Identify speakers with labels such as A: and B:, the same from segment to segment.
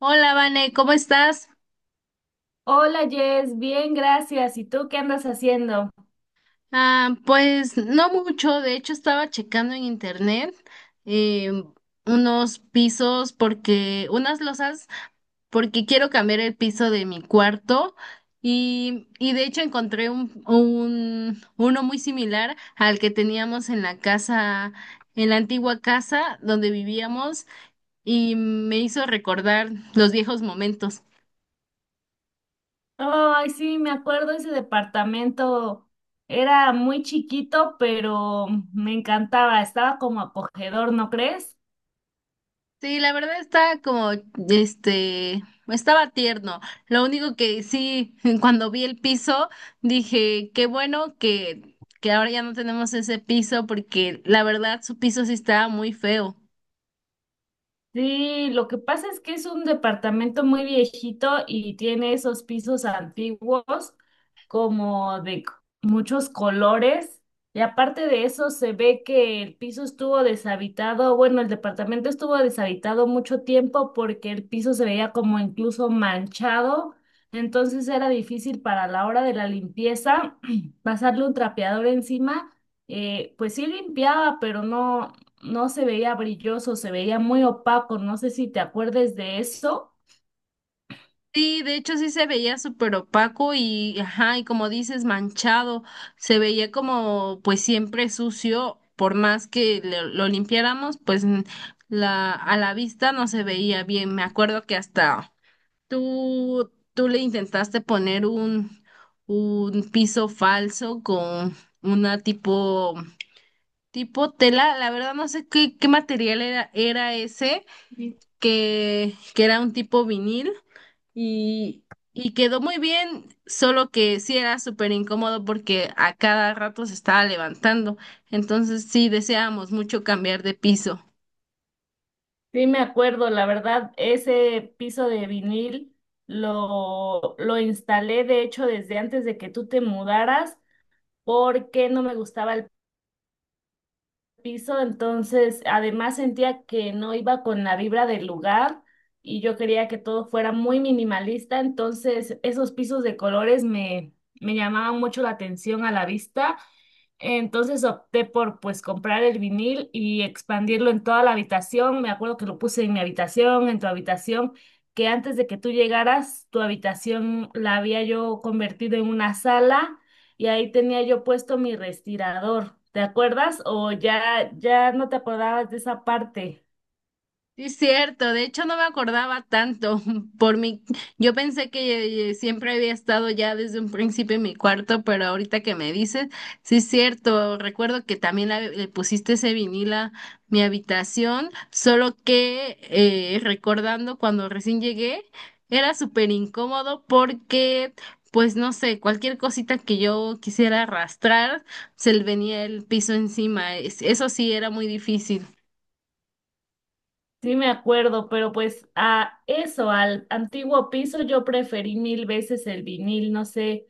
A: Hola, Vane, ¿cómo estás?
B: Hola Jess, bien, gracias. ¿Y tú qué andas haciendo?
A: Ah, pues no mucho, de hecho estaba checando en internet eh, unos pisos porque, unas losas, porque quiero cambiar el piso de mi cuarto y de hecho encontré uno muy similar al que teníamos en la casa, en la antigua casa donde vivíamos y me hizo recordar los viejos momentos.
B: Ay, sí, me acuerdo ese departamento. Era muy chiquito, pero me encantaba. Estaba como acogedor, ¿no crees?
A: Sí, la verdad está como, este, estaba tierno. Lo único que sí, cuando vi el piso, dije, qué bueno que ahora ya no tenemos ese piso, porque la verdad su piso sí estaba muy feo.
B: Sí, lo que pasa es que es un departamento muy viejito y tiene esos pisos antiguos como de c- muchos colores. Y aparte de eso, se ve que el piso estuvo deshabitado, bueno, el departamento estuvo deshabitado mucho tiempo porque el piso se veía como incluso manchado. Entonces era difícil para la hora de la limpieza pasarle un trapeador encima. Pues sí limpiaba, pero no se veía brilloso, se veía muy opaco, no sé si te acuerdes de eso.
A: Sí, de hecho sí se veía súper opaco y, ajá, y como dices, manchado. Se veía como, pues siempre sucio, por más que lo limpiáramos, a la vista no se veía bien. Me acuerdo que hasta... ¿Tú le intentaste poner un piso falso con una tipo, tipo tela? La verdad no sé qué material era ese, que era un tipo vinil y, y quedó muy bien, solo que sí era súper incómodo porque a cada rato se estaba levantando. Entonces sí deseábamos mucho cambiar de piso.
B: Sí, me acuerdo, la verdad, ese piso de vinil lo instalé, de hecho, desde antes de que tú te mudaras, porque no me gustaba el piso, entonces además sentía que no iba con la vibra del lugar y yo quería que todo fuera muy minimalista, entonces esos pisos de colores me llamaban mucho la atención a la vista, entonces opté por pues comprar el vinil y expandirlo en toda la habitación. Me acuerdo que lo puse en mi habitación, en tu habitación, que antes de que tú llegaras, tu habitación la había yo convertido en una sala y ahí tenía yo puesto mi respirador. ¿Te acuerdas? O ya no te acordabas de esa parte.
A: Sí, es cierto, de hecho no me acordaba tanto por mi, yo pensé que siempre había estado ya desde un principio en mi cuarto, pero ahorita que me dices, sí es cierto, recuerdo que también le pusiste ese vinil a mi habitación, solo que recordando cuando recién llegué, era súper incómodo porque, pues no sé, cualquier cosita que yo quisiera arrastrar, se le venía el piso encima. Eso sí era muy difícil.
B: Sí, me acuerdo, pero pues a eso, al antiguo piso, yo preferí mil veces el vinil, no sé,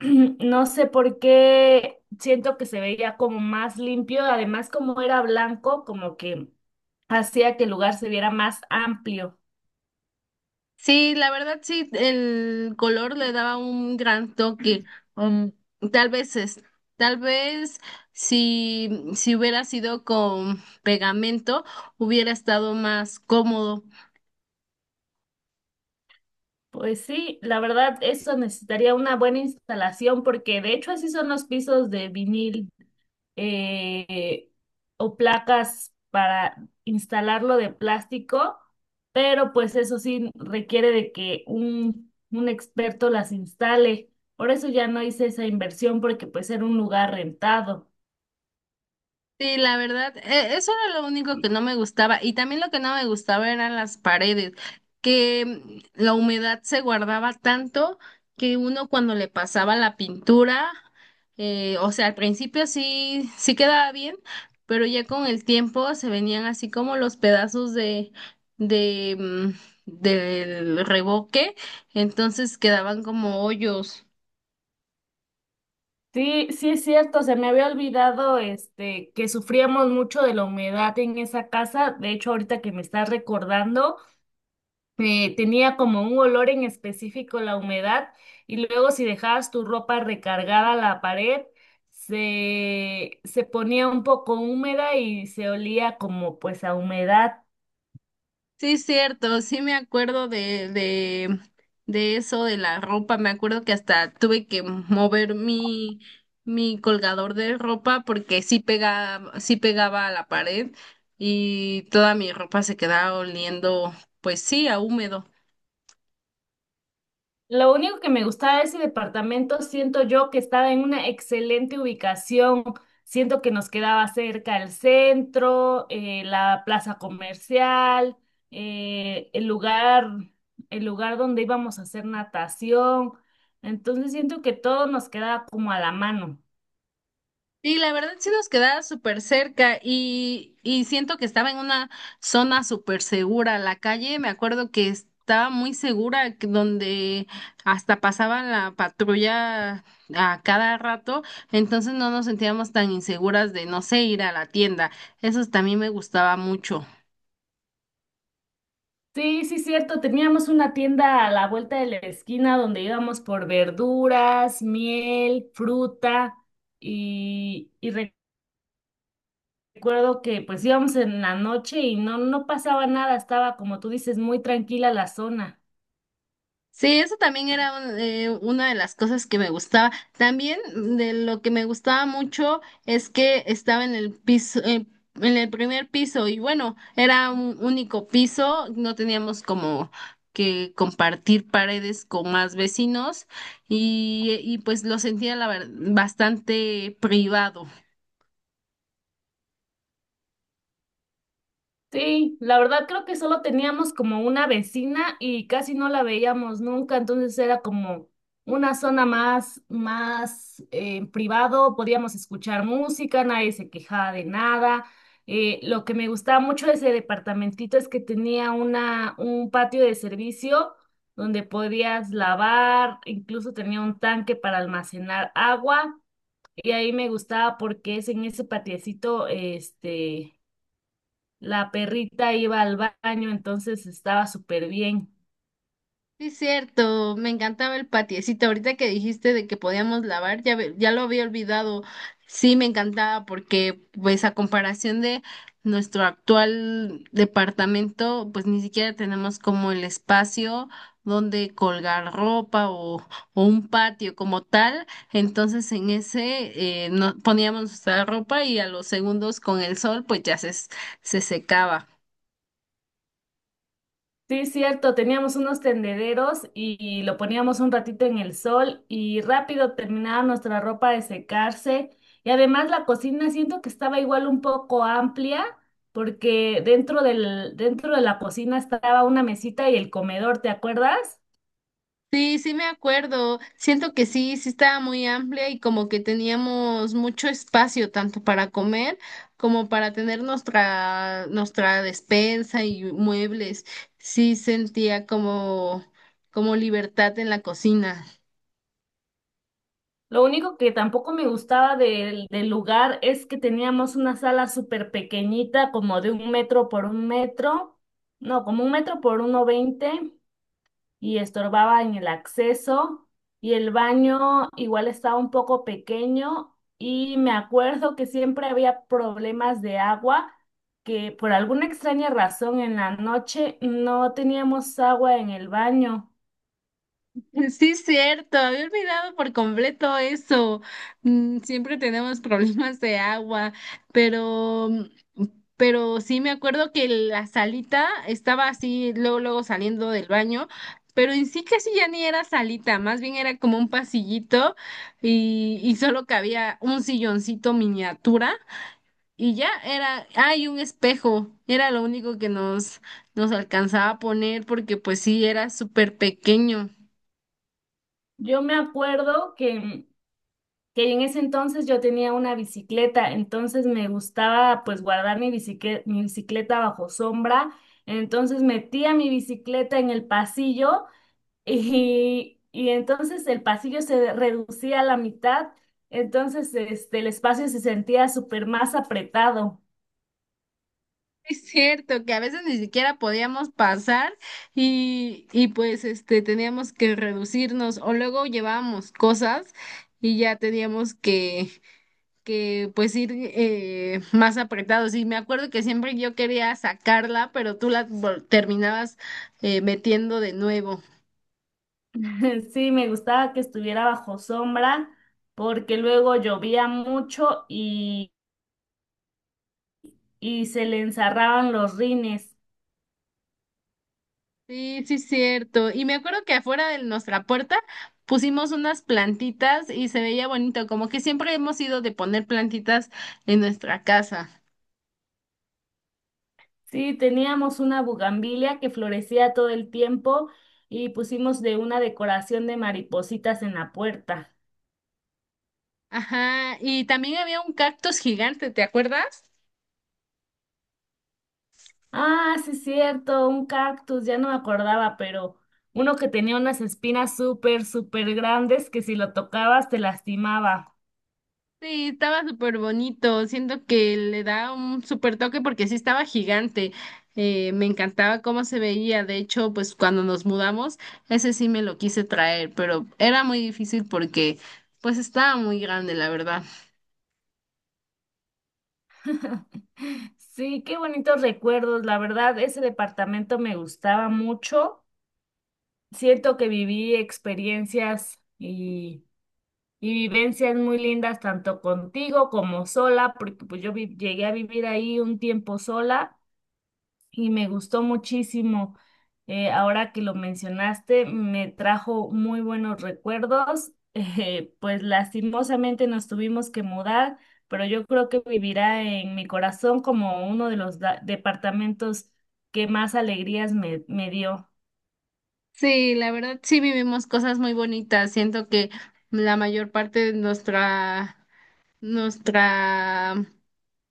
B: no sé por qué siento que se veía como más limpio, además como era blanco, como que hacía que el lugar se viera más amplio.
A: Sí, la verdad sí, el color le daba un gran toque. Um, tal vez es, tal vez si, si hubiera sido con pegamento, hubiera estado más cómodo.
B: Pues sí, la verdad, eso necesitaría una buena instalación porque de hecho así son los pisos de vinil. eh, o placas para instalarlo de plástico, pero pues eso sí requiere de que un experto las instale. Por eso ya no hice esa inversión porque pues era un lugar rentado.
A: Sí, la verdad, eso era lo único que no me gustaba. Y también lo que no me gustaba eran las paredes, que la humedad se guardaba tanto que uno cuando le pasaba la pintura, o sea, al principio sí, sí quedaba bien, pero ya con el tiempo se venían así como los pedazos de, mm, del revoque, entonces quedaban como hoyos.
B: Sí, sí es cierto, se me había olvidado este que sufríamos mucho de la humedad en esa casa. De hecho, ahorita que me estás recordando, tenía como un olor en específico la humedad, y luego si dejabas tu ropa recargada a la pared, se ponía un poco húmeda y se olía como pues a humedad.
A: Sí, cierto, sí me acuerdo de eso, de la ropa. Me acuerdo que hasta tuve que mover mi, mi colgador de ropa porque sí pegaba a la pared y toda mi ropa se quedaba oliendo, pues sí, a húmedo.
B: Lo único que me gustaba de ese departamento, siento yo que estaba en una excelente ubicación. Siento que nos quedaba cerca el centro, la plaza comercial, eh, el lugar, el lugar donde íbamos a hacer natación. Entonces siento que todo nos quedaba como a la mano.
A: Sí, la verdad sí nos quedaba súper cerca y siento que estaba en una zona súper segura. La calle, me acuerdo que estaba muy segura, que donde hasta pasaban la patrulla a cada rato, entonces no nos sentíamos tan inseguras de, no sé, ir a la tienda. Eso también me gustaba mucho.
B: Sí, sí, cierto. Teníamos una tienda a la vuelta de la esquina donde íbamos por verduras, miel, fruta y recuerdo que pues íbamos en la noche y no pasaba nada, estaba como tú dices, muy tranquila la zona.
A: Sí, eso también era una de las cosas que me gustaba. También de lo que me gustaba mucho es que estaba en el piso, en el primer piso y bueno, era un único piso, no teníamos como que compartir paredes con más vecinos y pues lo sentía bastante privado.
B: Sí, la verdad creo que solo teníamos como una vecina y casi no la veíamos nunca, entonces era como una zona más privado, podíamos escuchar música, nadie se quejaba de nada. Lo que me gustaba mucho de ese departamentito es que tenía un patio de servicio donde podías lavar, incluso tenía un tanque para almacenar agua. Y ahí me gustaba porque es en ese patiecito, la perrita iba al baño, entonces estaba súper bien.
A: Sí, es cierto, me encantaba el patiecito. Ahorita que dijiste de que podíamos lavar, ya, ya lo había olvidado. Sí, me encantaba porque, pues, a comparación de nuestro actual departamento, pues ni siquiera tenemos como el espacio donde colgar ropa o un patio como tal. Entonces, en ese no, poníamos nuestra ropa y a los segundos con el sol, pues se secaba.
B: Sí, es cierto, teníamos unos tendederos y lo poníamos un ratito en el sol y rápido terminaba nuestra ropa de secarse. Y además la cocina siento que estaba igual un poco amplia porque dentro de la cocina estaba una mesita y el comedor, ¿te acuerdas?
A: Sí, sí me acuerdo. Siento que sí, sí estaba muy amplia y como que teníamos mucho espacio tanto para comer como para tener nuestra despensa y muebles. Sí sentía como como libertad en la cocina.
B: Lo único que tampoco me gustaba del lugar es que teníamos una sala súper pequeñita, como de un metro por un metro, no, como un metro por uno veinte, y estorbaba en el acceso, y el baño igual estaba un poco pequeño, y me acuerdo que siempre había problemas de agua, que por alguna extraña razón en la noche no teníamos agua en el baño.
A: Sí, cierto, había olvidado por completo eso. Mm, siempre tenemos problemas de agua, pero, pero sí me acuerdo que la salita estaba así, luego, luego saliendo del baño, pero en sí casi ya ni era salita, más bien era como un pasillito y solo cabía un silloncito miniatura y ya era, hay un espejo, era lo único que nos alcanzaba a poner porque pues sí, era súper pequeño.
B: Yo me acuerdo que en ese entonces yo tenía una bicicleta, entonces me gustaba pues guardar mi bicicleta bajo sombra, entonces metía mi bicicleta en el pasillo y entonces el pasillo se reducía a la mitad, entonces este, el espacio se sentía súper más apretado.
A: Es cierto que a veces ni siquiera podíamos pasar y pues este teníamos que reducirnos o luego llevábamos cosas y ya teníamos que pues ir más apretados. Y me acuerdo que siempre yo quería sacarla, pero tú terminabas metiendo de nuevo.
B: Sí, me gustaba que estuviera bajo sombra porque luego llovía mucho y se le enzarraban los rines.
A: Sí, sí, cierto. Y me acuerdo que afuera de nuestra puerta pusimos unas plantitas y se veía bonito, como que siempre hemos ido de poner plantitas en nuestra casa.
B: Sí, teníamos una bugambilia que florecía todo el tiempo y pusimos de una decoración de maripositas en la puerta.
A: Ajá, y también había un cactus gigante, ¿te acuerdas?
B: Ah, sí, cierto, un cactus, ya no me acordaba, pero uno que tenía unas espinas súper grandes que si lo tocabas te lastimaba.
A: Sí, estaba súper bonito, siento que le da un súper toque porque sí estaba gigante. Me encantaba cómo se veía, de hecho, pues cuando nos mudamos, ese sí me lo quise traer, pero era muy difícil porque pues estaba muy grande, la verdad.
B: Sí, qué bonitos recuerdos, la verdad, ese departamento me gustaba mucho. Siento que viví experiencias y mi vivencia es muy linda tanto contigo como sola, porque pues yo llegué a vivir ahí un tiempo sola y me gustó muchísimo. Ahora que lo mencionaste, me trajo muy buenos recuerdos. Pues lastimosamente nos tuvimos que mudar, pero yo creo que vivirá en mi corazón como uno de los departamentos que más alegrías me dio.
A: Sí, la verdad sí vivimos cosas muy bonitas. Siento que la mayor parte de nuestra,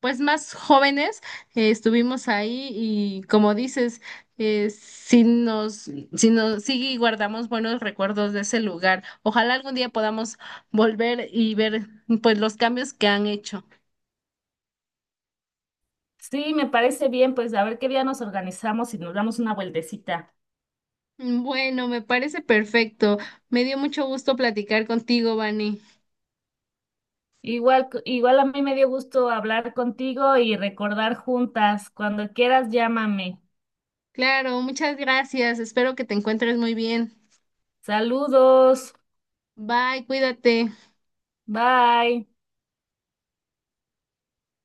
A: pues más jóvenes estuvimos ahí y como dices, sí guardamos buenos recuerdos de ese lugar. Ojalá algún día podamos volver y ver pues los cambios que han hecho.
B: Sí, me parece bien, pues a ver qué día nos organizamos y nos damos una vueltecita.
A: Bueno, me parece perfecto. Me dio mucho gusto platicar contigo, Vani.
B: Igual, igual a mí me dio gusto hablar contigo y recordar juntas. Cuando quieras, llámame.
A: Claro, muchas gracias. Espero que te encuentres muy bien.
B: Saludos.
A: Bye, cuídate.
B: Bye.